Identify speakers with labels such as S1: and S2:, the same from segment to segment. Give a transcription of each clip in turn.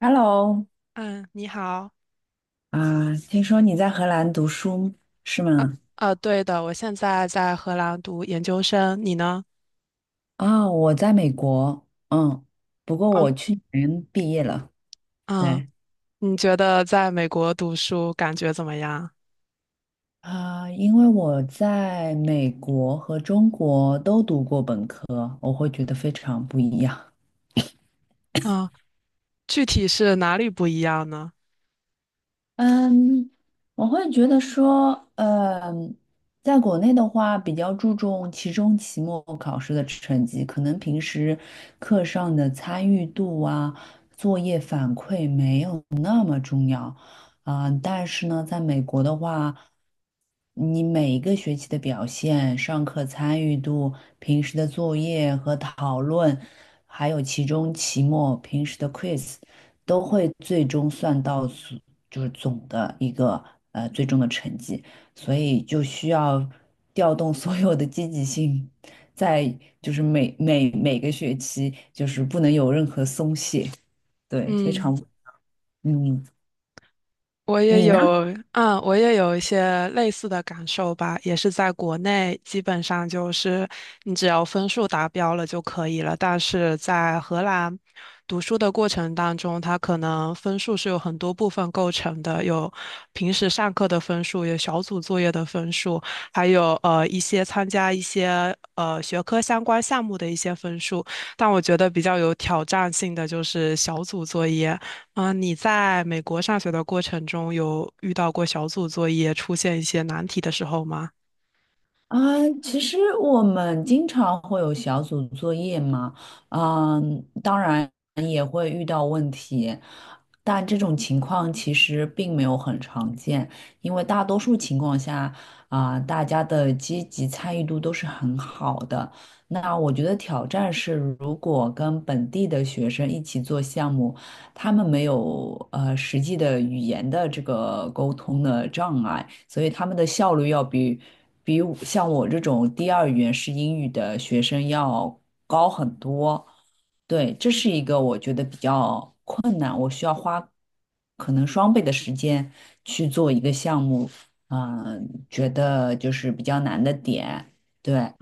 S1: Hello，
S2: 嗯，你好。
S1: 听说你在荷兰读书是
S2: 啊。
S1: 吗？
S2: 啊，对的，我现在在荷兰读研究生，你呢？
S1: 我在美国，不过
S2: 嗯
S1: 我去年毕业了。
S2: 嗯，
S1: 对。
S2: 你觉得在美国读书感觉怎么样？
S1: 因为我在美国和中国都读过本科，我会觉得非常不一样。
S2: 嗯，具体是哪里不一样呢？
S1: 嗯，我会觉得说，在国内的话，比较注重期中、期末考试的成绩，可能平时课上的参与度啊、作业反馈没有重要。但是呢，在美国的话，你每一个学期的表现、上课参与度、平时的作业和讨论，还有其中、期末、平时的 quiz，都会最终算到总就是总的一个最终的成绩，所以就需要调动所有的积极性，在就是每个学期就是不能有任何松懈，对，非常
S2: 嗯。
S1: 嗯，
S2: 我也
S1: 你呢？
S2: 有，我也有一些类似的感受吧，也是在国内，基本上就是你只要分数达标了就可以了。但是在荷兰读书的过程当中，它可能分数是有很多部分构成的，有平时上课的分数，有小组作业的分数，还有一些参加一些学科相关项目的一些分数。但我觉得比较有挑战性的就是小组作业。啊，你在美国上学的过程中，有遇到过小组作业出现一些难题的时候吗？
S1: 啊，其实我们经常会有小组作业嘛，当然也会遇到问题，但这种情况其实并没有很常见，因为大多数情况下，大家的积极参与度都是很好的。那我觉得挑战是，如果跟本地的学生一起做项目，他们没有实际的语言的这个沟通的障碍，所以他们的效率要比我，像我这种第二语言是英语的学生要高很多。对，这是一个我觉得比较双倍的时间去做一个项目，觉得就是比较难的点。对。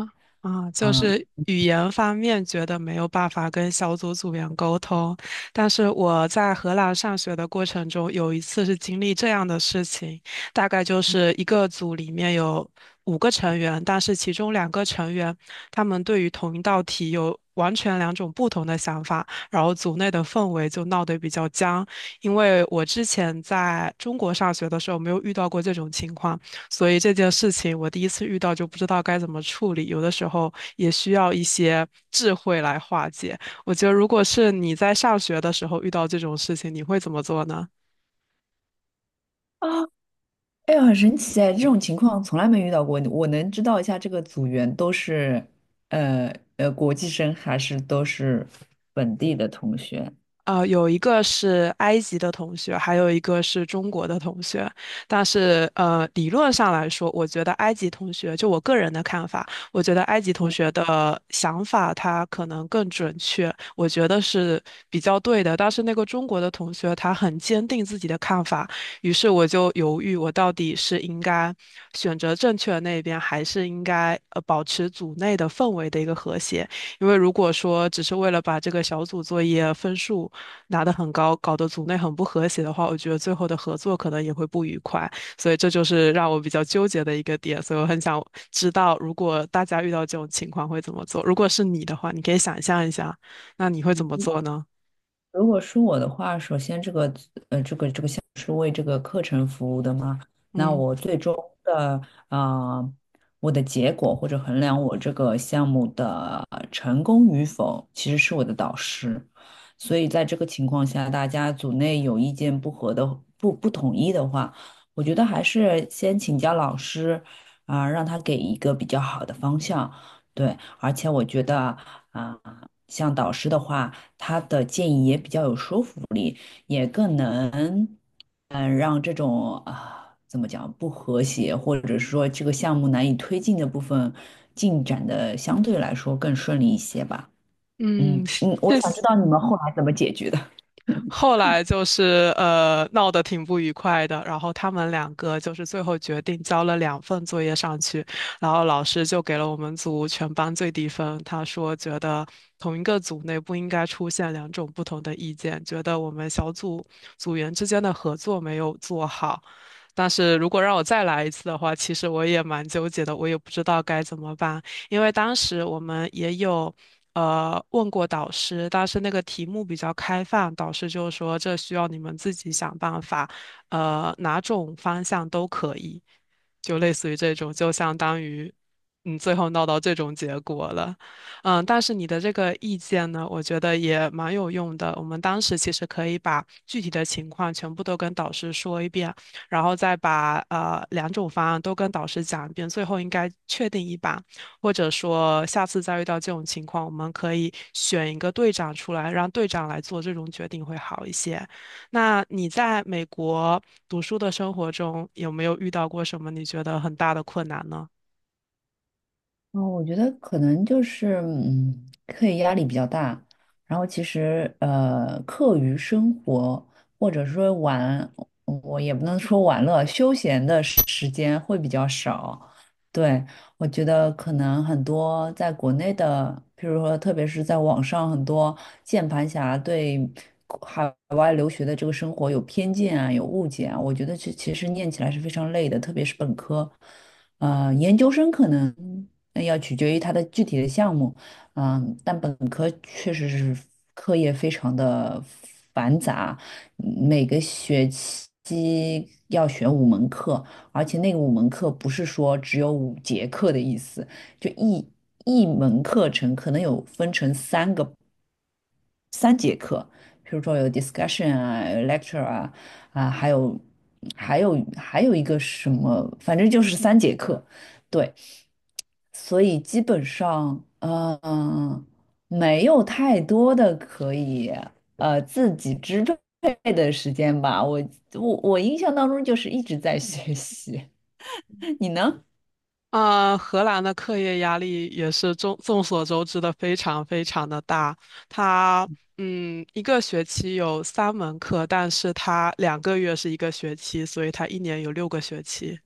S2: 啊，就
S1: 嗯。
S2: 是语言方面觉得没有办法跟小组组员沟通。但是我在荷兰上学的过程中，有一次是经历这样的事情，大概就是一个组里面有5个成员，但是其中2个成员他们对于同一道题有完全两种不同的想法，然后组内的氛围就闹得比较僵，因为我之前在中国上学的时候没有遇到过这种情况。所以这件事情我第一次遇到就不知道该怎么处理，有的时候也需要一些智慧来化解。我觉得如果是你在上学的时候遇到这种事情，你会怎么做呢？
S1: 啊，哎呀，很神奇哎，这种情况从来没遇到过。我能知道一下这个组员都是国际生还是都是本地的同学？
S2: 呃，有一个是埃及的同学，还有一个是中国的同学。但是，理论上来说，我觉得埃及同学，就我个人的看法，我觉得埃及同学的想法他可能更准确，我觉得是比较对的。但是那个中国的同学，他很坚定自己的看法，于是我就犹豫，我到底是应该选择正确的那一边，还是应该保持组内的氛围的一个和谐。因为如果说只是为了把这个小组作业分数拿得很高，搞得组内很不和谐的话，我觉得最后的合作可能也会不愉快。所以这就是让我比较纠结的一个点。所以我很想知道，如果大家遇到这种情况会怎么做？如果是你的话，你可以想象一下，那你会怎么做呢？
S1: 如果是我的话，首先这个呃这个是为这个课程服务的吗？那
S2: 嗯
S1: 我最终的，啊，我的结果或者衡量我这个项目的成功与否，其实是我的导师。所以在这个情况下，大家组内有意见不合的、不统一的话，我觉得还是先请教老师，让他给一个比较好的方向。对，而且我觉得，啊，像导师的话，他的建议也比较有说服力，也更能，让这种，怎么讲，不和谐，或者是说这个项目难以推进的部分，进展的相对来说更顺利一些吧。
S2: 嗯，
S1: 我
S2: 谢
S1: 想知
S2: 谢。
S1: 道你们后来怎么解决的。
S2: 后来就是闹得挺不愉快的，然后他们两个就是最后决定交了2份作业上去，然后老师就给了我们组全班最低分。他说觉得同一个组内不应该出现两种不同的意见，觉得我们小组组员之间的合作没有做好。但是如果让我再来一次的话，其实我也蛮纠结的，我也不知道该怎么办。因为当时我们也有问过导师，但是那个题目比较开放，导师就说这需要你们自己想办法，呃，哪种方向都可以，就类似于这种，就相当于最后闹到这种结果了。嗯，但是你的这个意见呢，我觉得也蛮有用的。我们当时其实可以把具体的情况全部都跟导师说一遍，然后再把2种方案都跟导师讲一遍，最后应该确定一把。或者说下次再遇到这种情况，我们可以选一个队长出来，让队长来做这种决定会好一些。那你在美国读书的生活中，有没有遇到过什么你觉得很大的困难呢？
S1: 哦，我觉得可能就是，课业压力比较大，然后其实课余生活或者说玩，我也不能说玩乐，休闲的间会比较少。对。我觉得可能很多在国内的，譬如说特别是在网上，很多键盘侠对海外留学的这个生活有偏见啊，有误解啊。我觉得实念起来是非常累的，特别是本科，研究生可能那要取决于它的具体的项目，但本科确实是课业非常的繁杂，每个学期要选五门课，而且那个五门课不是说只有五节课的意思，就一一门课程可能有分成三节课，比如说有 discussion 啊、有 lecture 啊，啊，还有还有一个什么，反正就是三节课，对，所以基本上，没有太多的可以自己支配的时间吧。我印象当中就是一直在学习，你呢？
S2: 啊、荷兰的课业压力也是众所周知的，非常非常的大。它一个学期有三门课，但是它两个月是一个学期，所以它一年有6个学期。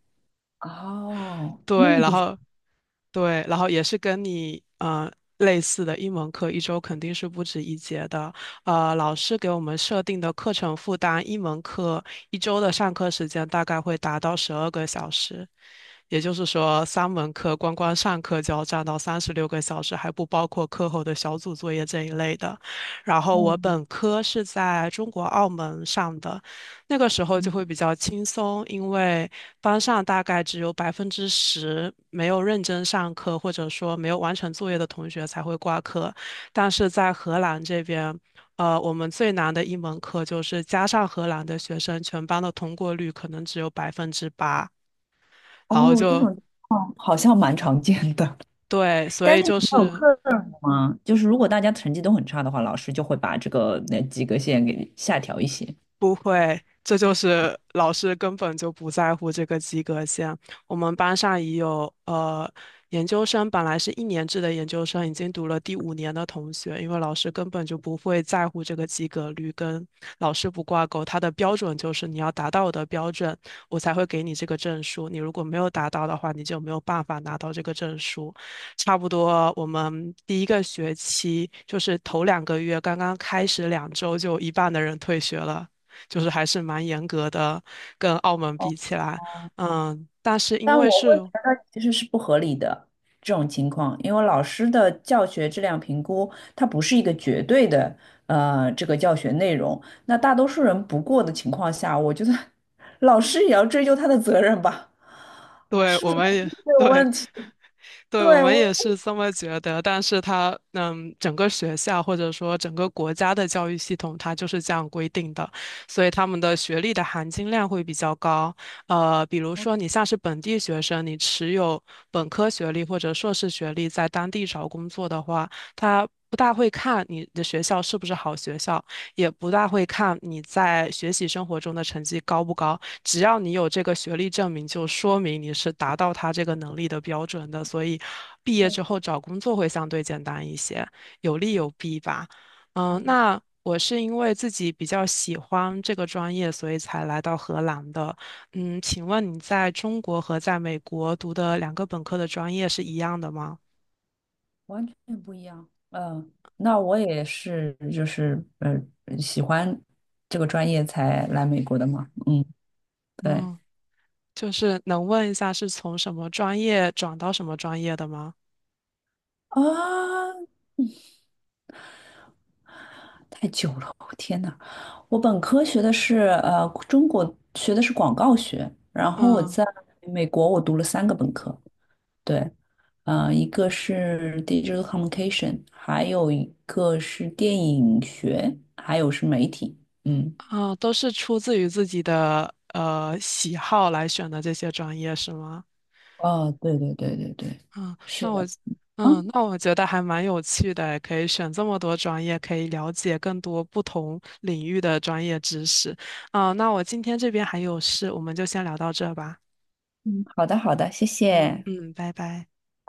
S1: 哦，
S2: 对，
S1: 那
S2: 然
S1: 个时
S2: 后对，然后也是跟你类似的，英文课一周肯定是不止一节的。呃，老师给我们设定的课程负担，英文课一周的上课时间大概会达到12个小时，也就是说，三门课光光上课就要占到36个小时，还不包括课后的小组作业这一类的。然后我
S1: 候，
S2: 本科是在中国澳门上的，那个时候就会比较轻松，因为班上大概只有10%没有认真上课，或者说没有完成作业的同学才会挂科。但是在荷兰这边，呃，我们最难的一门课就是加上荷兰的学生，全班的通过率可能只有8%，然后
S1: 哦，这
S2: 就
S1: 种好像蛮常见的。
S2: 对，所
S1: 但
S2: 以
S1: 是你
S2: 就
S1: 们有
S2: 是
S1: 课吗？就是如果大家成绩都很差的话，老师就会把这个那及格线给下调一些。
S2: 不会，这就是老师根本就不在乎这个及格线。我们班上已有研究生，本来是一年制的研究生，已经读了第5年的同学，因为老师根本就不会在乎这个及格率，跟老师不挂钩。他的标准就是你要达到我的标准，我才会给你这个证书。你如果没有达到的话，你就没有办法拿到这个证书。差不多，我们第一个学期就是头两个月刚刚开始2周，就有一半的人退学了。就是还是蛮严格的，跟澳门比起来。嗯，但是因
S1: 但
S2: 为
S1: 我
S2: 是，
S1: 会觉得其实是不合理的这种情况，因为老师的教学质量评估，它不是一个绝对的这个教学内容。那大多数人不过的情况下，我觉得老师也要追究他的责任吧，
S2: 对，
S1: 是不
S2: 我
S1: 是他
S2: 们
S1: 们
S2: 也，
S1: 有
S2: 对，
S1: 问题？
S2: 对，我
S1: 对，
S2: 们
S1: 我
S2: 也是这么觉得，但是它，整个学校或者说整个国家的教育系统，它就是这样规定的，所以他们的学历的含金量会比较高。呃，比如说你像是本地学生，你持有本科学历或者硕士学历，在当地找工作的话，他不大会看你的学校是不是好学校，也不大会看你在学习生活中的成绩高不高，只要你有这个学历证明，就说明你是达到他这个能力的标准的，所以毕业之后找工作会相对简单一些，有利有弊吧。嗯，那我是因为自己比较喜欢这个专业，所以才来到荷兰的。嗯，请问你在中国和在美国读的2个本科的专业是一样的吗？
S1: 完全不一样。嗯，那我也是，就是喜欢这个专业才来美国的嘛。嗯，对。
S2: 嗯，就是能问一下是从什么专业转到什么专业的吗？
S1: 啊，太久了，我天呐，我本科学的是，中国学的是广告学，然后我
S2: 嗯。
S1: 在美国我读了三个本科，对。一个是 digital communication，还有一个是电影学，还有是媒体。嗯。
S2: 啊，都是出自于自己的喜好来选的这些专业是吗？
S1: 哦，对对对对对，
S2: 嗯，
S1: 是
S2: 那我
S1: 的。
S2: 嗯，那我觉得还蛮有趣的，可以选这么多专业，可以了解更多不同领域的专业知识。啊，那我今天这边还有事，我们就先聊到这吧。
S1: 嗯，好的，好的，谢
S2: 嗯
S1: 谢，
S2: 嗯，拜拜。